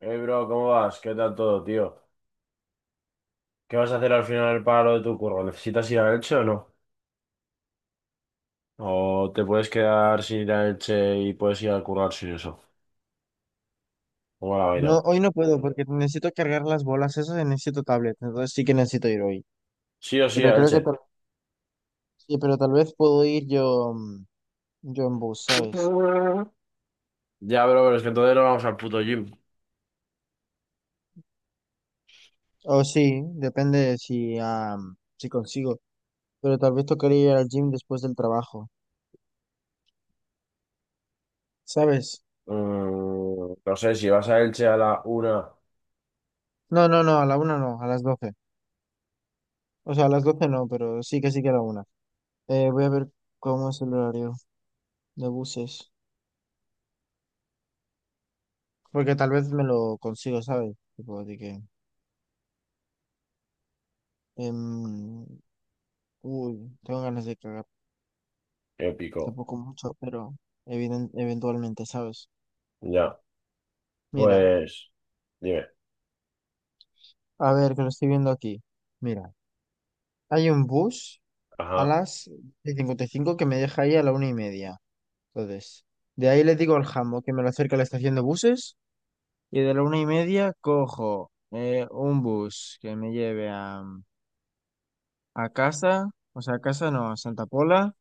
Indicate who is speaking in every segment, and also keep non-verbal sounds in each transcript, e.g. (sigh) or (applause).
Speaker 1: Hey bro, ¿cómo vas? ¿Qué tal todo, tío? ¿Qué vas a hacer al final para lo de tu curro? ¿Necesitas ir a Elche o no? ¿O te puedes quedar sin ir a Elche y puedes ir a currar sin eso? ¿Cómo la vaina?
Speaker 2: No, hoy no puedo porque necesito cargar las bolas esas y necesito tablet, entonces sí que necesito ir hoy.
Speaker 1: Sí o sí
Speaker 2: Pero
Speaker 1: a
Speaker 2: creo que
Speaker 1: Elche.
Speaker 2: tal, sí, pero tal vez puedo ir yo, yo en bus, ¿sabes?
Speaker 1: Ya, bro, pero es que entonces no vamos al puto gym.
Speaker 2: O sí, depende de si, si consigo. Pero tal vez tocaría ir al gym después del trabajo, ¿sabes?
Speaker 1: No sé, si vas a Elche a la 1,
Speaker 2: No, no, no, a la una no, a las doce. O sea, a las doce no, pero sí que a la una. Voy a ver cómo es el horario de buses, porque tal vez me lo consigo, ¿sabes? Tipo, de que, em, uy, tengo ganas de cagar.
Speaker 1: épico.
Speaker 2: Tampoco mucho, pero eventualmente, ¿sabes?
Speaker 1: Ya,
Speaker 2: Mira,
Speaker 1: pues... Dime.
Speaker 2: a ver, que lo estoy viendo aquí. Mira, hay un bus a
Speaker 1: Ajá,
Speaker 2: las 55 que me deja ahí a la una y media. Entonces, de ahí le digo al jambo que me lo acerque a la estación de buses y de la una y media cojo un bus que me lleve a casa, o sea, a casa no, a Santa Pola,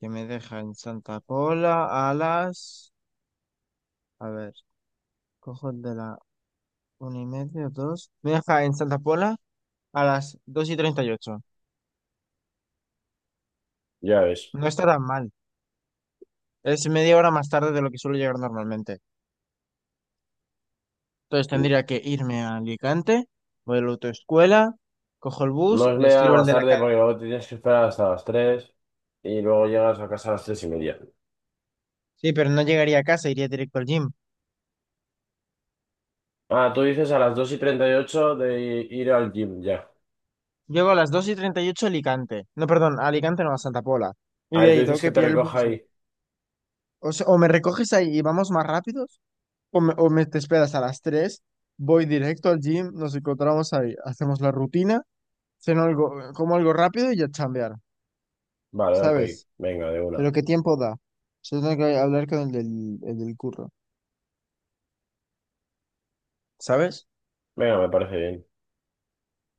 Speaker 2: que me deja en Santa Pola a las... A ver, cojo el de la una y media, dos. Me deja en Santa Pola a las 2 y 38.
Speaker 1: ya ves.
Speaker 2: No está tan mal. Es media hora más tarde de lo que suelo llegar normalmente. Entonces tendría que irme a Alicante, voy a la autoescuela, cojo el
Speaker 1: No
Speaker 2: bus,
Speaker 1: es
Speaker 2: le
Speaker 1: media hora
Speaker 2: escribo al
Speaker 1: más
Speaker 2: de la
Speaker 1: tarde porque
Speaker 2: academia.
Speaker 1: luego te tienes que esperar hasta las 3 y luego llegas a casa a las 3 y media.
Speaker 2: Sí, pero no llegaría a casa, iría directo al gym.
Speaker 1: Ah, tú dices a las 2:38 de ir al gym, ya.
Speaker 2: Llego a las 2 y 38 a Alicante. No, perdón, a Alicante no, a Santa Pola. Y de
Speaker 1: Ahí tú
Speaker 2: ahí tengo
Speaker 1: dices que
Speaker 2: que
Speaker 1: te
Speaker 2: pillar el
Speaker 1: recoja
Speaker 2: bus.
Speaker 1: ahí.
Speaker 2: O sea, o me recoges ahí y vamos más rápidos, o me te esperas a las tres, voy directo al gym, nos encontramos ahí, hacemos la rutina, ceno algo, como algo rápido y ya chambear,
Speaker 1: Vale, ok.
Speaker 2: ¿sabes?
Speaker 1: Venga, de una.
Speaker 2: Pero ¿qué tiempo da? Yo tengo que hablar con el del curro, ¿sabes?
Speaker 1: Venga, me parece bien.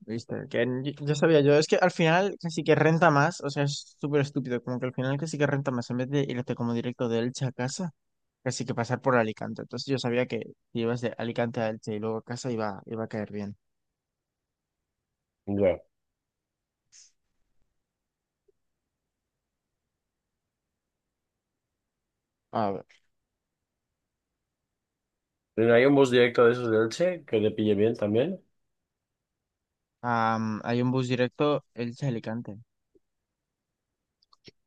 Speaker 2: Viste, que ya sabía yo, es que al final casi que renta más, o sea, es súper estúpido, como que al final casi que renta más, en vez de irte como directo de Elche a casa, casi que pasar por Alicante. Entonces yo sabía que si ibas de Alicante a Elche y luego a casa iba a caer bien.
Speaker 1: Ya.
Speaker 2: A ver,
Speaker 1: ¿No hay un bus directo de esos de Elche que te pille bien también?
Speaker 2: hay un bus directo Elche-Alicante.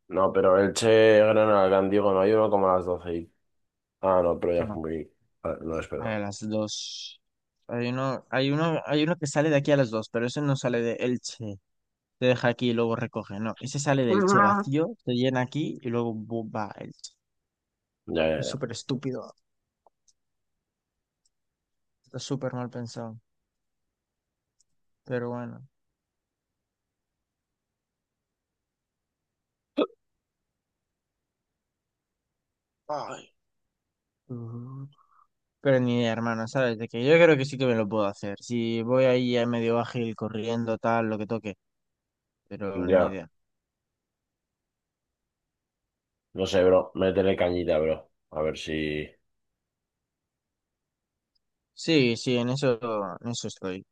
Speaker 1: No, pero Elche, Granada, Gandigo, no hay uno como a las 12 y... Ah, no, pero ya fue
Speaker 2: No,
Speaker 1: muy... Ah, no,
Speaker 2: a
Speaker 1: espero.
Speaker 2: las dos. Hay uno que sale de aquí a las dos, pero ese no sale de Elche, te deja aquí y luego recoge. No, ese sale del Che vacío, te llena aquí y luego va el Che.
Speaker 1: Ya, ya,
Speaker 2: Es
Speaker 1: ya.
Speaker 2: súper estúpido, está súper mal pensado, pero bueno. Ay. Mm. Pero ni idea, hermano, ¿sabes? De que yo creo que sí que me lo puedo hacer. Si voy ahí a medio ágil, corriendo, tal, lo que toque, pero ni
Speaker 1: Ya.
Speaker 2: idea.
Speaker 1: No sé, bro. Métele cañita, bro. A ver si...
Speaker 2: Sí, sí, en eso estoy.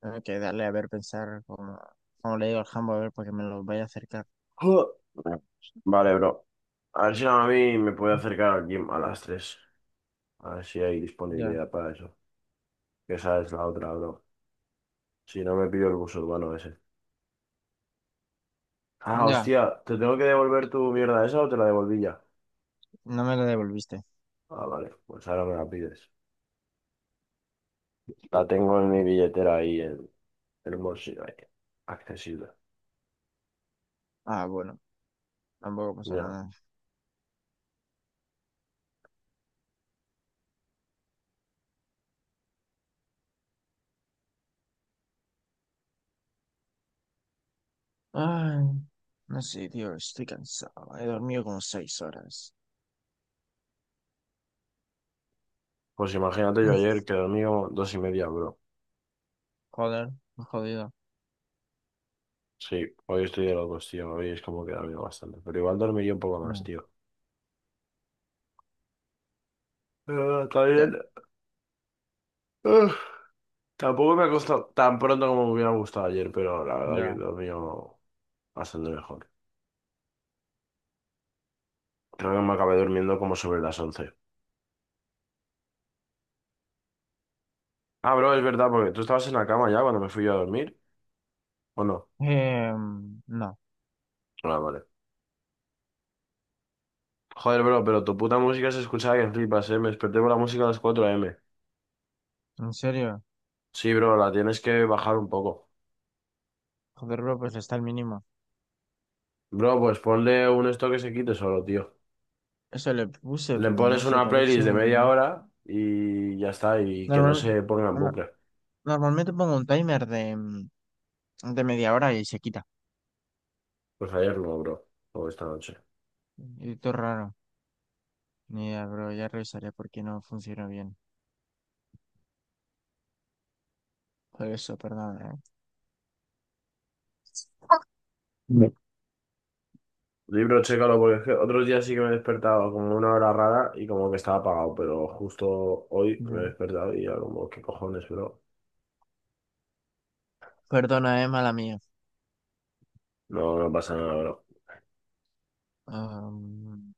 Speaker 2: Tengo que darle a ver, pensar como, como le digo al jambo, a ver, para que me lo vaya a acercar.
Speaker 1: (clears throat) (laughs) Vale, bro. A ver si a mí me puede acercar al gym a las 3. A ver si hay
Speaker 2: Ya,
Speaker 1: disponibilidad para eso. Esa es la otra, bro. Si no me pido el bus urbano ese. Ah,
Speaker 2: ya,
Speaker 1: hostia, ¿te tengo que devolver tu mierda esa o te la devolví ya?
Speaker 2: no me lo devolviste.
Speaker 1: Ah, vale, pues ahora me la pides. La tengo en mi billetera ahí, en un bolsillo ahí, accesible.
Speaker 2: Ah, bueno, tampoco pasa
Speaker 1: Ya.
Speaker 2: nada. Ay, no sé, tío, estoy cansado. He dormido como 6 horas.
Speaker 1: Pues imagínate, yo
Speaker 2: Mm.
Speaker 1: ayer que dormí como dos y media, bro.
Speaker 2: Joder, me he jodido.
Speaker 1: Sí, hoy estoy de locos, tío. Hoy es como que he dormido bastante. Pero igual dormiría un poco más,
Speaker 2: Ya,
Speaker 1: tío. Pero está
Speaker 2: ya,
Speaker 1: bien. Uf, tampoco me ha costado tan pronto como me hubiera gustado ayer, pero la verdad que he
Speaker 2: ya.
Speaker 1: dormido bastante mejor. Creo que me acabé durmiendo como sobre las 11. Ah, bro, es verdad, porque tú estabas en la cama ya cuando me fui yo a dormir, ¿o no?
Speaker 2: No,
Speaker 1: Ah, vale. Joder, bro, pero tu puta música se escuchaba que flipas, ¿eh? Me desperté por la música a las 4 m.
Speaker 2: en serio.
Speaker 1: Sí, bro, la tienes que bajar un poco.
Speaker 2: Joder, bro, pues está al mínimo.
Speaker 1: Bro, pues ponle un esto que se quite solo, tío.
Speaker 2: Eso le puse,
Speaker 1: Le
Speaker 2: pero no
Speaker 1: pones una
Speaker 2: sé, tal vez se
Speaker 1: playlist
Speaker 2: me
Speaker 1: de media
Speaker 2: olvidó.
Speaker 1: hora y ya está, y que no
Speaker 2: Normal-
Speaker 1: se ponga en
Speaker 2: no-
Speaker 1: bucle.
Speaker 2: Normalmente pongo un timer de, de media hora y se quita.
Speaker 1: Pues ayer no, bro, o esta noche.
Speaker 2: Y todo raro. Ni idea, bro, ya revisaré por qué no funciona bien. Por eso, perdona, eh.
Speaker 1: Libro, chécalo, porque es que otros días sí que me he despertado como una hora rara y como que estaba apagado, pero justo hoy me he
Speaker 2: Ya.
Speaker 1: despertado y ya como, ¿qué cojones, bro?
Speaker 2: Perdona, mala mía.
Speaker 1: No, no pasa nada, bro.
Speaker 2: Am,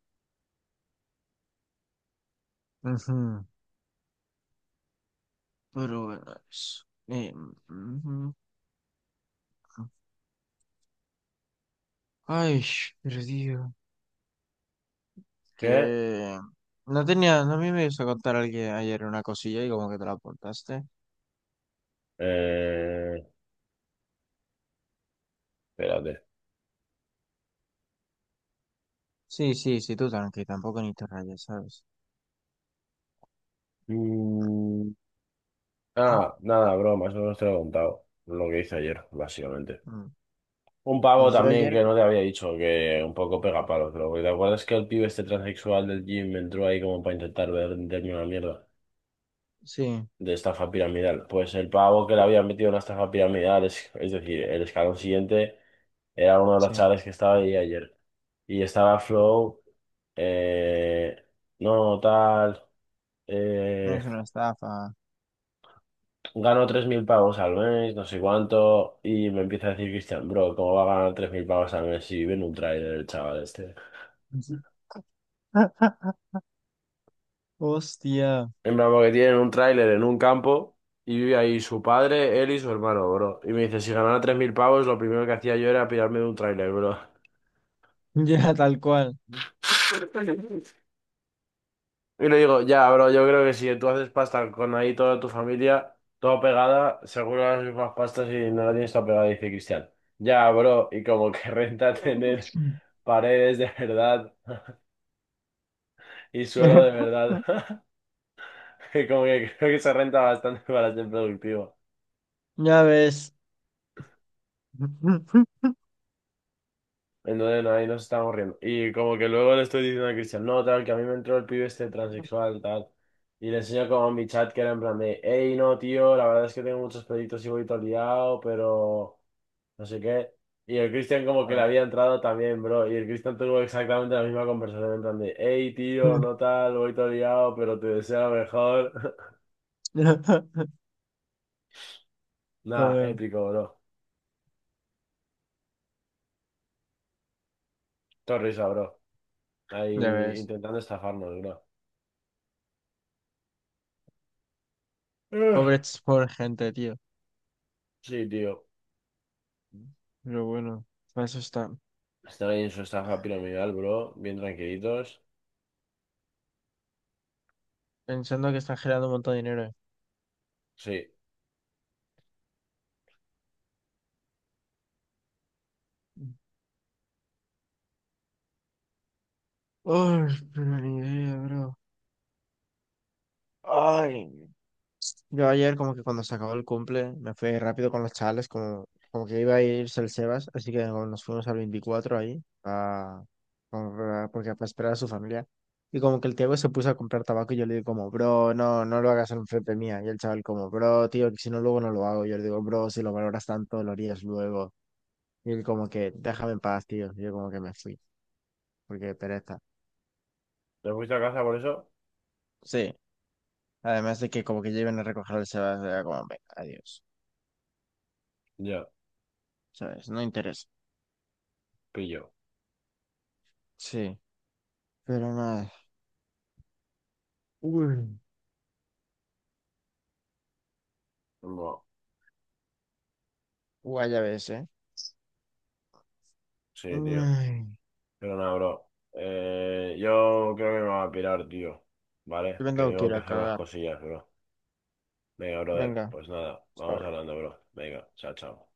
Speaker 2: ujú. Pero bueno, eso ujú. Ay, perdido.
Speaker 1: ¿Qué?
Speaker 2: Que no me ibas a contar alguien ayer una cosilla y como que te la aportaste.
Speaker 1: Eh, Espérate.
Speaker 2: Sí, sí, sí, tú tranqui, tampoco ni te rayes, ¿sabes?
Speaker 1: Mm, Nada, bro, más o menos te lo he contado. Lo que hice ayer, básicamente.
Speaker 2: Mm.
Speaker 1: Un pavo
Speaker 2: Pues yo
Speaker 1: también
Speaker 2: ayer,
Speaker 1: que no te había dicho, que un poco pega palos, bro. Porque ¿te acuerdas que el pibe este transexual del gym entró ahí como para intentar venderme una mierda
Speaker 2: sí,
Speaker 1: de estafa piramidal? Pues el pavo que le había metido una estafa piramidal, es decir, el escalón siguiente, era uno de los
Speaker 2: sí,
Speaker 1: chavales que estaba ahí ayer. Y estaba Flow, eh, no, tal.
Speaker 2: no
Speaker 1: eh,
Speaker 2: es una estafa.
Speaker 1: Gano 3.000 pavos al mes, no sé cuánto, y me empieza a decir Cristian, bro, ¿cómo va a ganar 3.000 pavos al mes si vive en un tráiler el chaval este?
Speaker 2: (laughs) Sí. Hostia,
Speaker 1: En plan, porque tienen un tráiler en un campo y vive ahí su padre, él y su hermano, bro. Y me dice, si ganara 3.000 pavos, lo primero que hacía yo era pirarme de un tráiler, bro.
Speaker 2: ya tal cual.
Speaker 1: (laughs) Y le digo, ya, bro, yo creo que si tú haces pasta con ahí toda tu familia, toda pegada, seguro las mismas pastas y no la tienes toda pegada, dice Cristian. Ya, bro, y como que (laughs) renta tener paredes de verdad (laughs) y suelo de
Speaker 2: (laughs)
Speaker 1: verdad. (laughs) Y como que creo que se renta bastante para ser productivo.
Speaker 2: Ya ves. (laughs)
Speaker 1: Entonces no, ahí nos estamos riendo. Y como que luego le estoy diciendo a Cristian, no, tal, que a mí me entró el pibe este transexual, tal. Y le enseño como en mi chat que era en plan de, hey, no, tío, la verdad es que tengo muchos proyectos y voy todo liado, pero... no sé qué. Y el Cristian como que le
Speaker 2: Joder.
Speaker 1: había entrado también, bro. Y el Cristian tuvo exactamente la misma conversación en plan de, hey, tío, no tal, voy todo liado, pero te deseo lo mejor. (laughs)
Speaker 2: (laughs)
Speaker 1: Nada,
Speaker 2: Joder.
Speaker 1: épico, bro. Todo risa, bro. Ahí
Speaker 2: Ya ves.
Speaker 1: intentando estafarnos, bro. Ugh.
Speaker 2: Pobres, pobre gente, tío.
Speaker 1: Sí, tío.
Speaker 2: Pero bueno, para eso está.
Speaker 1: Están ahí en su estafa piramidal, bro. Bien tranquilitos.
Speaker 2: Pensando que están generando un montón de dinero.
Speaker 1: Sí.
Speaker 2: Ay, pero ni idea, bro. Ay. Yo ayer como que cuando se acabó el cumple, me fui rápido con los chavales, como, como que iba a irse el Sebas, así que como nos fuimos al 24 ahí, a, porque para esperar a su familia. Y como que el Tiago se puso a comprar tabaco y yo le digo como, bro, no lo hagas en frente mía. Y el chaval como, bro, tío, que si no luego no lo hago. Yo le digo, bro, si lo valoras tanto, lo harías luego. Y él como que, déjame en paz, tío. Y yo como que me fui, porque pereza.
Speaker 1: ¿Te fuiste a casa por eso?
Speaker 2: Sí, además de que como que lleven a recoger el Sebas, era como, venga, adiós.
Speaker 1: Ya,
Speaker 2: ¿Sabes? No interesa.
Speaker 1: pillo.
Speaker 2: Sí, pero nada. Uy,
Speaker 1: No.
Speaker 2: guay, ya ves, ¿eh?
Speaker 1: Sí, tío.
Speaker 2: Uy,
Speaker 1: Pero nada, bro. Yo creo que me voy a pirar, tío. ¿Vale?
Speaker 2: yo me
Speaker 1: Que
Speaker 2: tengo que
Speaker 1: tengo
Speaker 2: ir
Speaker 1: que
Speaker 2: a
Speaker 1: hacer unas
Speaker 2: cagar.
Speaker 1: cosillas, bro. Venga, brother.
Speaker 2: Venga,
Speaker 1: Pues nada,
Speaker 2: hasta
Speaker 1: vamos
Speaker 2: ahora.
Speaker 1: hablando, bro. Venga, chao, chao.